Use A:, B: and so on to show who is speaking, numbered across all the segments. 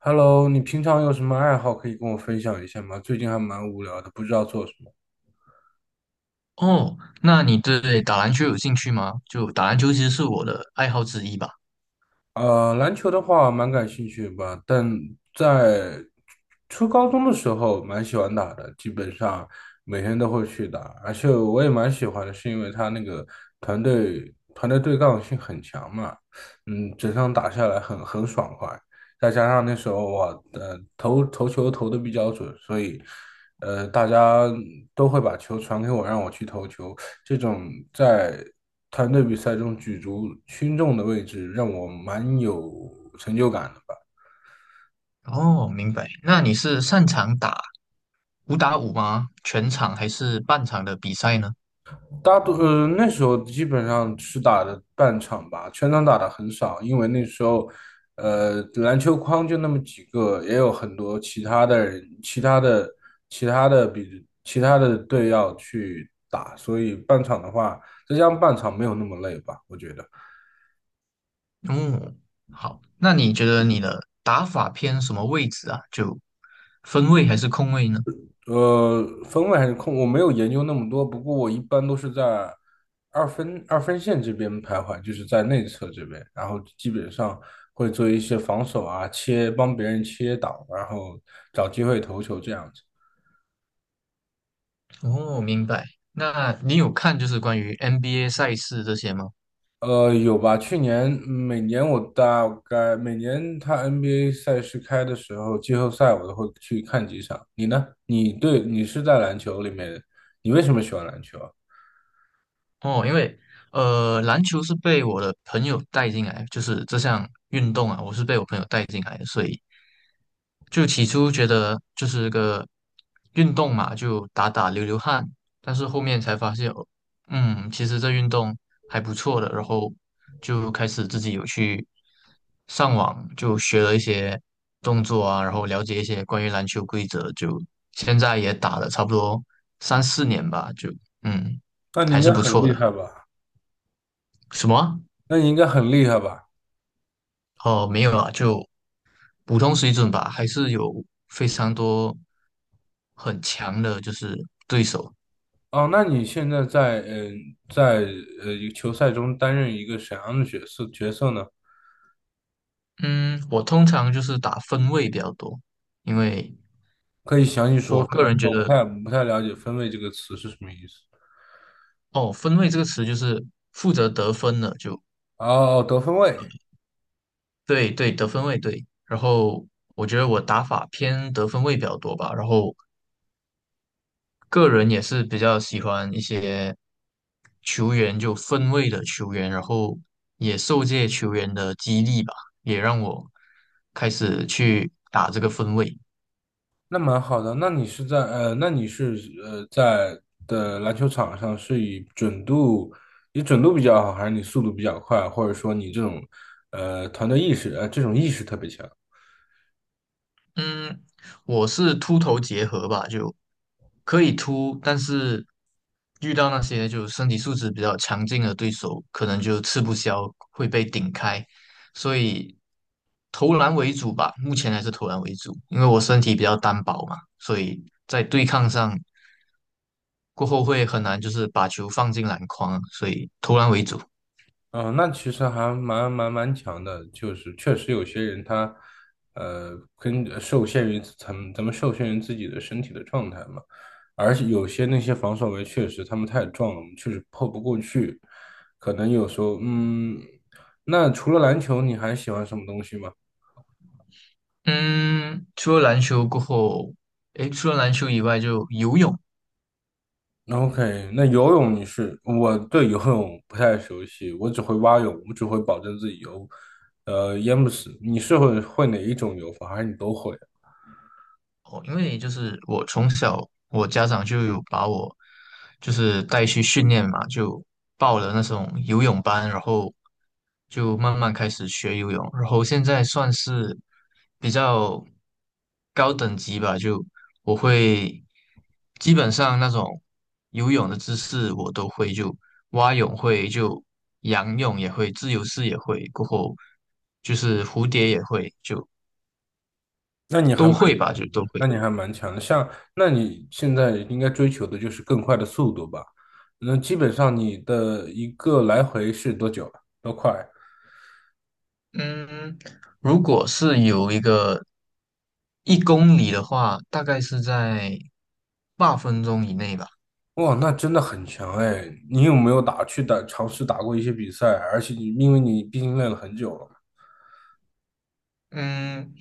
A: Hello，你平常有什么爱好可以跟我分享一下吗？最近还蛮无聊的，不知道做什么。
B: 哦，那你对打篮球有兴趣吗？就打篮球其实是我的爱好之一吧。
A: 篮球的话蛮感兴趣吧，但在初高中的时候蛮喜欢打的，基本上每天都会去打，而且我也蛮喜欢的，是因为他那个团队对抗性很强嘛，整场打下来很爽快，再加上那时候我的投球投的比较准，所以大家都会把球传给我，让我去投球。这种在团队比赛中举足轻重的位置，让我蛮有成就感的吧。
B: 哦，明白。那你是擅长打五打五吗？全场还是半场的比赛呢？
A: 大多那时候基本上是打的半场吧，全场打的很少，因为那时候篮球框就那么几个，也有很多其他的人、其他的队要去打，所以半场的话，再加上半场没有那么累吧，我觉得。
B: 哦，好。那你觉得你的打法偏什么位置啊？就分位还是控位呢？
A: 分位还是控，我没有研究那么多，不过我一般都是在二分线这边徘徊，就是在内侧这边，然后基本上会做一些防守啊，切，帮别人切挡，然后找机会投球这样子。
B: 哦，明白。那你有看就是关于 NBA 赛事这些吗？
A: 有吧？每年我大概他 NBA 赛事开的时候，季后赛我都会去看几场。你呢？你是在篮球里面，你为什么喜欢篮球啊？
B: 哦，因为篮球是被我的朋友带进来，就是这项运动啊，我是被我朋友带进来的，所以就起初觉得就是个运动嘛，就打打流流汗，但是后面才发现，其实这运动还不错的，然后就开始自己有去上网就学了一些动作啊，然后了解一些关于篮球规则，就现在也打了差不多三四年吧，就嗯，
A: 那你
B: 还
A: 应
B: 是
A: 该
B: 不
A: 很
B: 错
A: 厉
B: 的。
A: 害吧？
B: 什么啊？
A: 那你应该很厉害吧？
B: 哦，没有啊，就普通水准吧，还是有非常多很强的，就是对手。
A: 哦，那你现在在呃在一个球赛中担任一个什么样的角色呢？
B: 嗯，我通常就是打分位比较多，因为
A: 可以详细说
B: 我
A: 说
B: 个
A: 吗？因
B: 人觉
A: 为我不
B: 得，
A: 太不太了解"分位"这个词是什么意思。
B: 哦，分位这个词就是负责得分的，就
A: 哦，哦得分位，
B: 对对，得分位对。然后我觉得我打法偏得分位比较多吧，然后个人也是比较喜欢一些球员，就分位的球员，然后也受这些球员的激励吧，也让我开始去打这个分位。
A: 那蛮好的。那你是在的篮球场上是以准度，你准度比较好，还是你速度比较快，或者说你这种团队意识这种意识特别强？
B: 嗯，我是秃头结合吧，就可以秃，但是遇到那些就身体素质比较强劲的对手，可能就吃不消，会被顶开，所以投篮为主吧，目前还是投篮为主，因为我身体比较单薄嘛，所以在对抗上过后会很难，就是把球放进篮筐啊，所以投篮为主。
A: 嗯，那其实还蛮强的，就是确实有些人他，呃，跟受限于咱们受限于自己的身体的状态嘛，而且有些那些防守围确实他们太壮了，我们确实破不过去，可能有时候，那除了篮球，你还喜欢什么东西吗
B: 嗯，除了篮球过后，诶，除了篮球以外，就游泳。
A: ？OK，那游泳我对游泳不太熟悉，我只会蛙泳，我只会保证自己游，淹不死。你是会哪一种游法，还是你都会？
B: 哦，因为就是我从小，我家长就有把我就是带去训练嘛，就报了那种游泳班，然后就慢慢开始学游泳，然后现在算是比较高等级吧，就我会基本上那种游泳的姿势我都会，就蛙泳会，就仰泳也会，自由式也会，过后就是蝴蝶也会，就
A: 那你还
B: 都
A: 蛮
B: 会吧，就
A: 强
B: 都
A: 的，
B: 会。
A: 那你还蛮强的。像，那你现在应该追求的就是更快的速度吧？那基本上你的一个来回是多久啊多快？
B: 嗯，如果是有一个一公里的话，大概是在八分钟以内吧。
A: 哇，那真的很强哎！你有没有打去打尝试打过一些比赛？而且你因为你毕竟练了很久了嘛。
B: 嗯，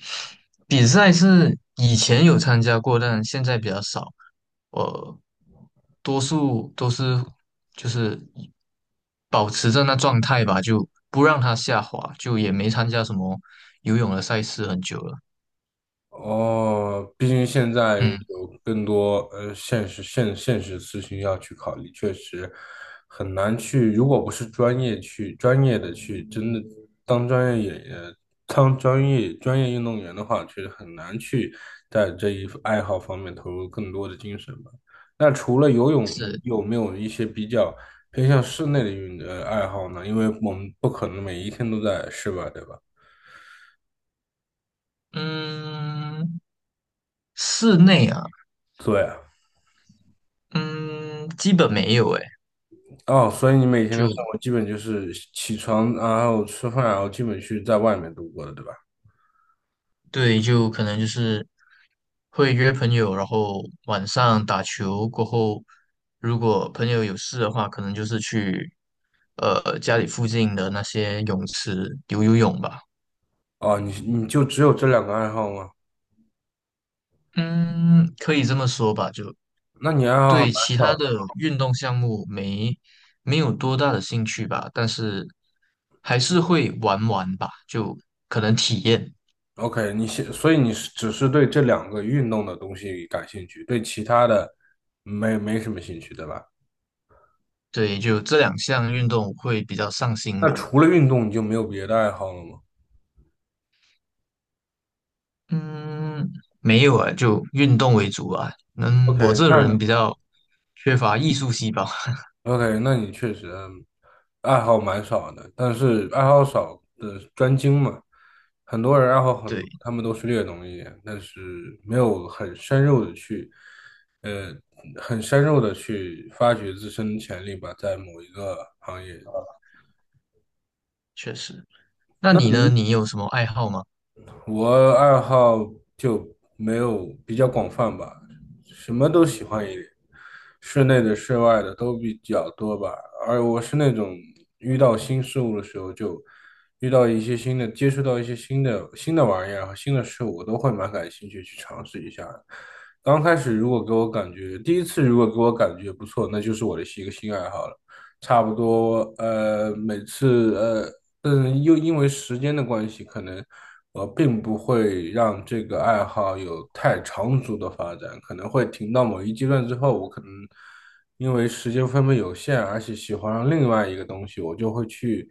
B: 比赛是以前有参加过，但现在比较少。我多数都是就是保持着那状态吧，就不让它下滑，就也没参加什么游泳的赛事很久了。
A: 哦，毕竟现在
B: 嗯，
A: 有更多现实事情要去考虑，确实很难去。如果不是专业的去真的当专业演员、当专业运动员的话，确实很难去在这一爱好方面投入更多的精神吧。那除了游泳，你
B: 是，
A: 有没有一些比较偏向室内的爱好呢？因为我们不可能每一天都在室外，对吧？
B: 嗯，室内啊，
A: 对。啊。
B: 嗯，基本没有诶。
A: 哦，所以你每天的生
B: 就
A: 活基本就是起床，然后吃饭，然后基本去在外面度过的，对吧？
B: 对，就可能就是会约朋友，然后晚上打球过后，如果朋友有事的话，可能就是去家里附近的那些泳池游游泳吧。
A: 哦，你就只有这两个爱好吗？
B: 嗯，可以这么说吧，就
A: 那你爱好还
B: 对
A: 蛮
B: 其他
A: 少的。
B: 的运动项目没有多大的兴趣吧，但是还是会玩玩吧，就可能体验。
A: OK，所以你是只是对这两个运动的东西感兴趣，对其他的没什么兴趣，对吧？
B: 对，就这两项运动会比较上心
A: 那
B: 吧。
A: 除了运动，你就没有别的爱好了吗
B: 嗯，没有啊，就运动为主啊。嗯，我
A: ？OK，
B: 这人比较缺乏艺术细胞。
A: OK，那你确实爱好蛮少的，但是爱好少的专精嘛。很多人爱好很多，
B: 对，
A: 他们都是略懂一点，但是没有呃，很深入的去发掘自身的潜力吧，在某一个行业。
B: 确实。那
A: 那
B: 你呢？
A: 你
B: 你有什么爱好吗？
A: 我爱好就没有比较广泛吧，什么都喜欢一点，室内的、室外的都比较多吧。而我是那种遇到新事物的时候，就遇到一些新的，接触到一些新的玩意儿和新的事物，我都会蛮感兴趣去尝试一下的刚开始如果给我感觉，第一次如果给我感觉不错，那就是我的一个新爱好了。差不多，呃，每次呃嗯，又因为时间的关系，可能我并不会让这个爱好有太长足的发展，可能会停到某一阶段之后，我可能因为时间分配有限，而且喜欢上另外一个东西，我就会去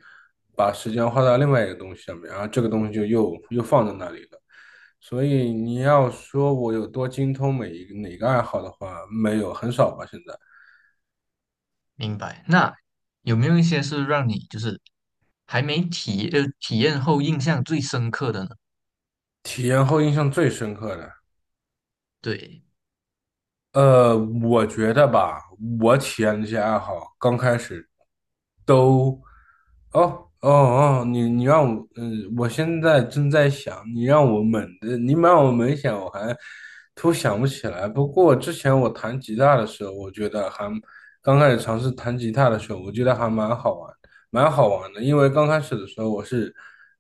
A: 把时间花到另外一个东西上面，然后这个东西就又放在那里了。所以你要说我有多精通每一个哪个爱好的话，没有，很少吧，现在。
B: 明白。那有没有一些是让你就是还没体验后印象最深刻的呢？
A: 体验后印象最深刻的。
B: 对，
A: 呃，我觉得吧，我体验这些爱好刚开始都，哦哦哦，你让我，我现在正在想，你让我猛想，我还突想不起来。不过之前我弹吉他的时候，我觉得还刚开始尝试弹吉他的时候，我觉得还蛮好玩，蛮好玩的。因为刚开始的时候，我是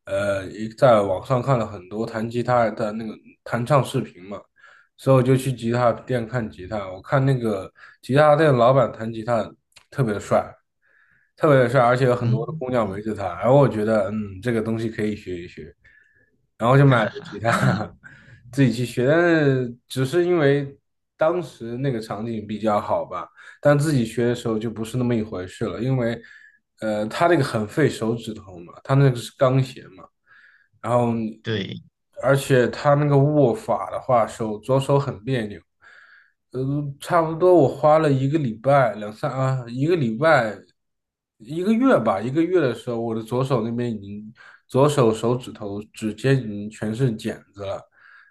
A: 呃一在网上看了很多弹吉他的那个弹唱视频嘛。所以我就去吉他店看吉他。我看那个吉他店老板弹吉他特别的帅，特别的帅，而且有很多的
B: 嗯，
A: 姑娘围着他。然后我觉得，这个东西可以学一学，然后就买了个吉他，自己去学。但是只是因为当时那个场景比较好吧，但自己学的时候就不是那么一回事了，因为，他那个很费手指头嘛，他那个是钢弦嘛。然后
B: 对，
A: 而且他那个握法的话，左手很别扭，呃，差不多我花了一个礼拜，两三啊，一个礼拜，一个月吧，一个月的时候，我的左手那边已经，左手手指头指尖已经全是茧子了，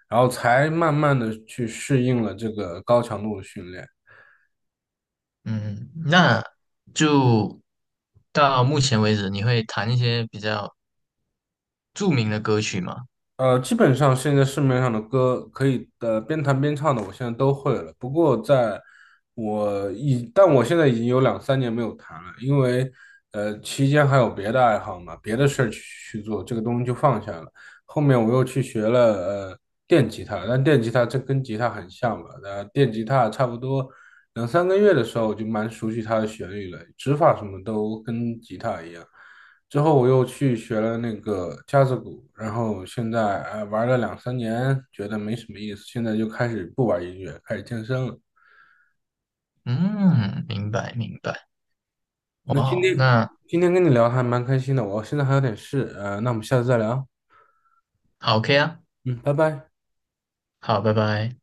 A: 然后才慢慢的去适应了这个高强度的训练。
B: 嗯，那就到目前为止，你会弹一些比较著名的歌曲吗？
A: 基本上现在市面上的歌可以边弹边唱的，我现在都会了。不过在我已，但我现在已经有两三年没有弹了，因为期间还有别的爱好嘛，别的事儿去做，这个东西就放下了。后面我又去学了呃电吉他，但电吉他这跟吉他很像嘛，电吉他差不多两三个月的时候我就蛮熟悉它的旋律了，指法什么都跟吉他一样。之后我又去学了那个架子鼓，然后现在哎玩了两三年，觉得没什么意思，现在就开始不玩音乐，开始健身了。
B: 嗯，明白，明白。
A: 那
B: 哇
A: 今
B: 哦，
A: 天
B: 那
A: 跟你聊还蛮开心的，我现在还有点事，那我们下次再聊，
B: 好，OK 啊。
A: 嗯，拜拜。
B: 好，拜拜。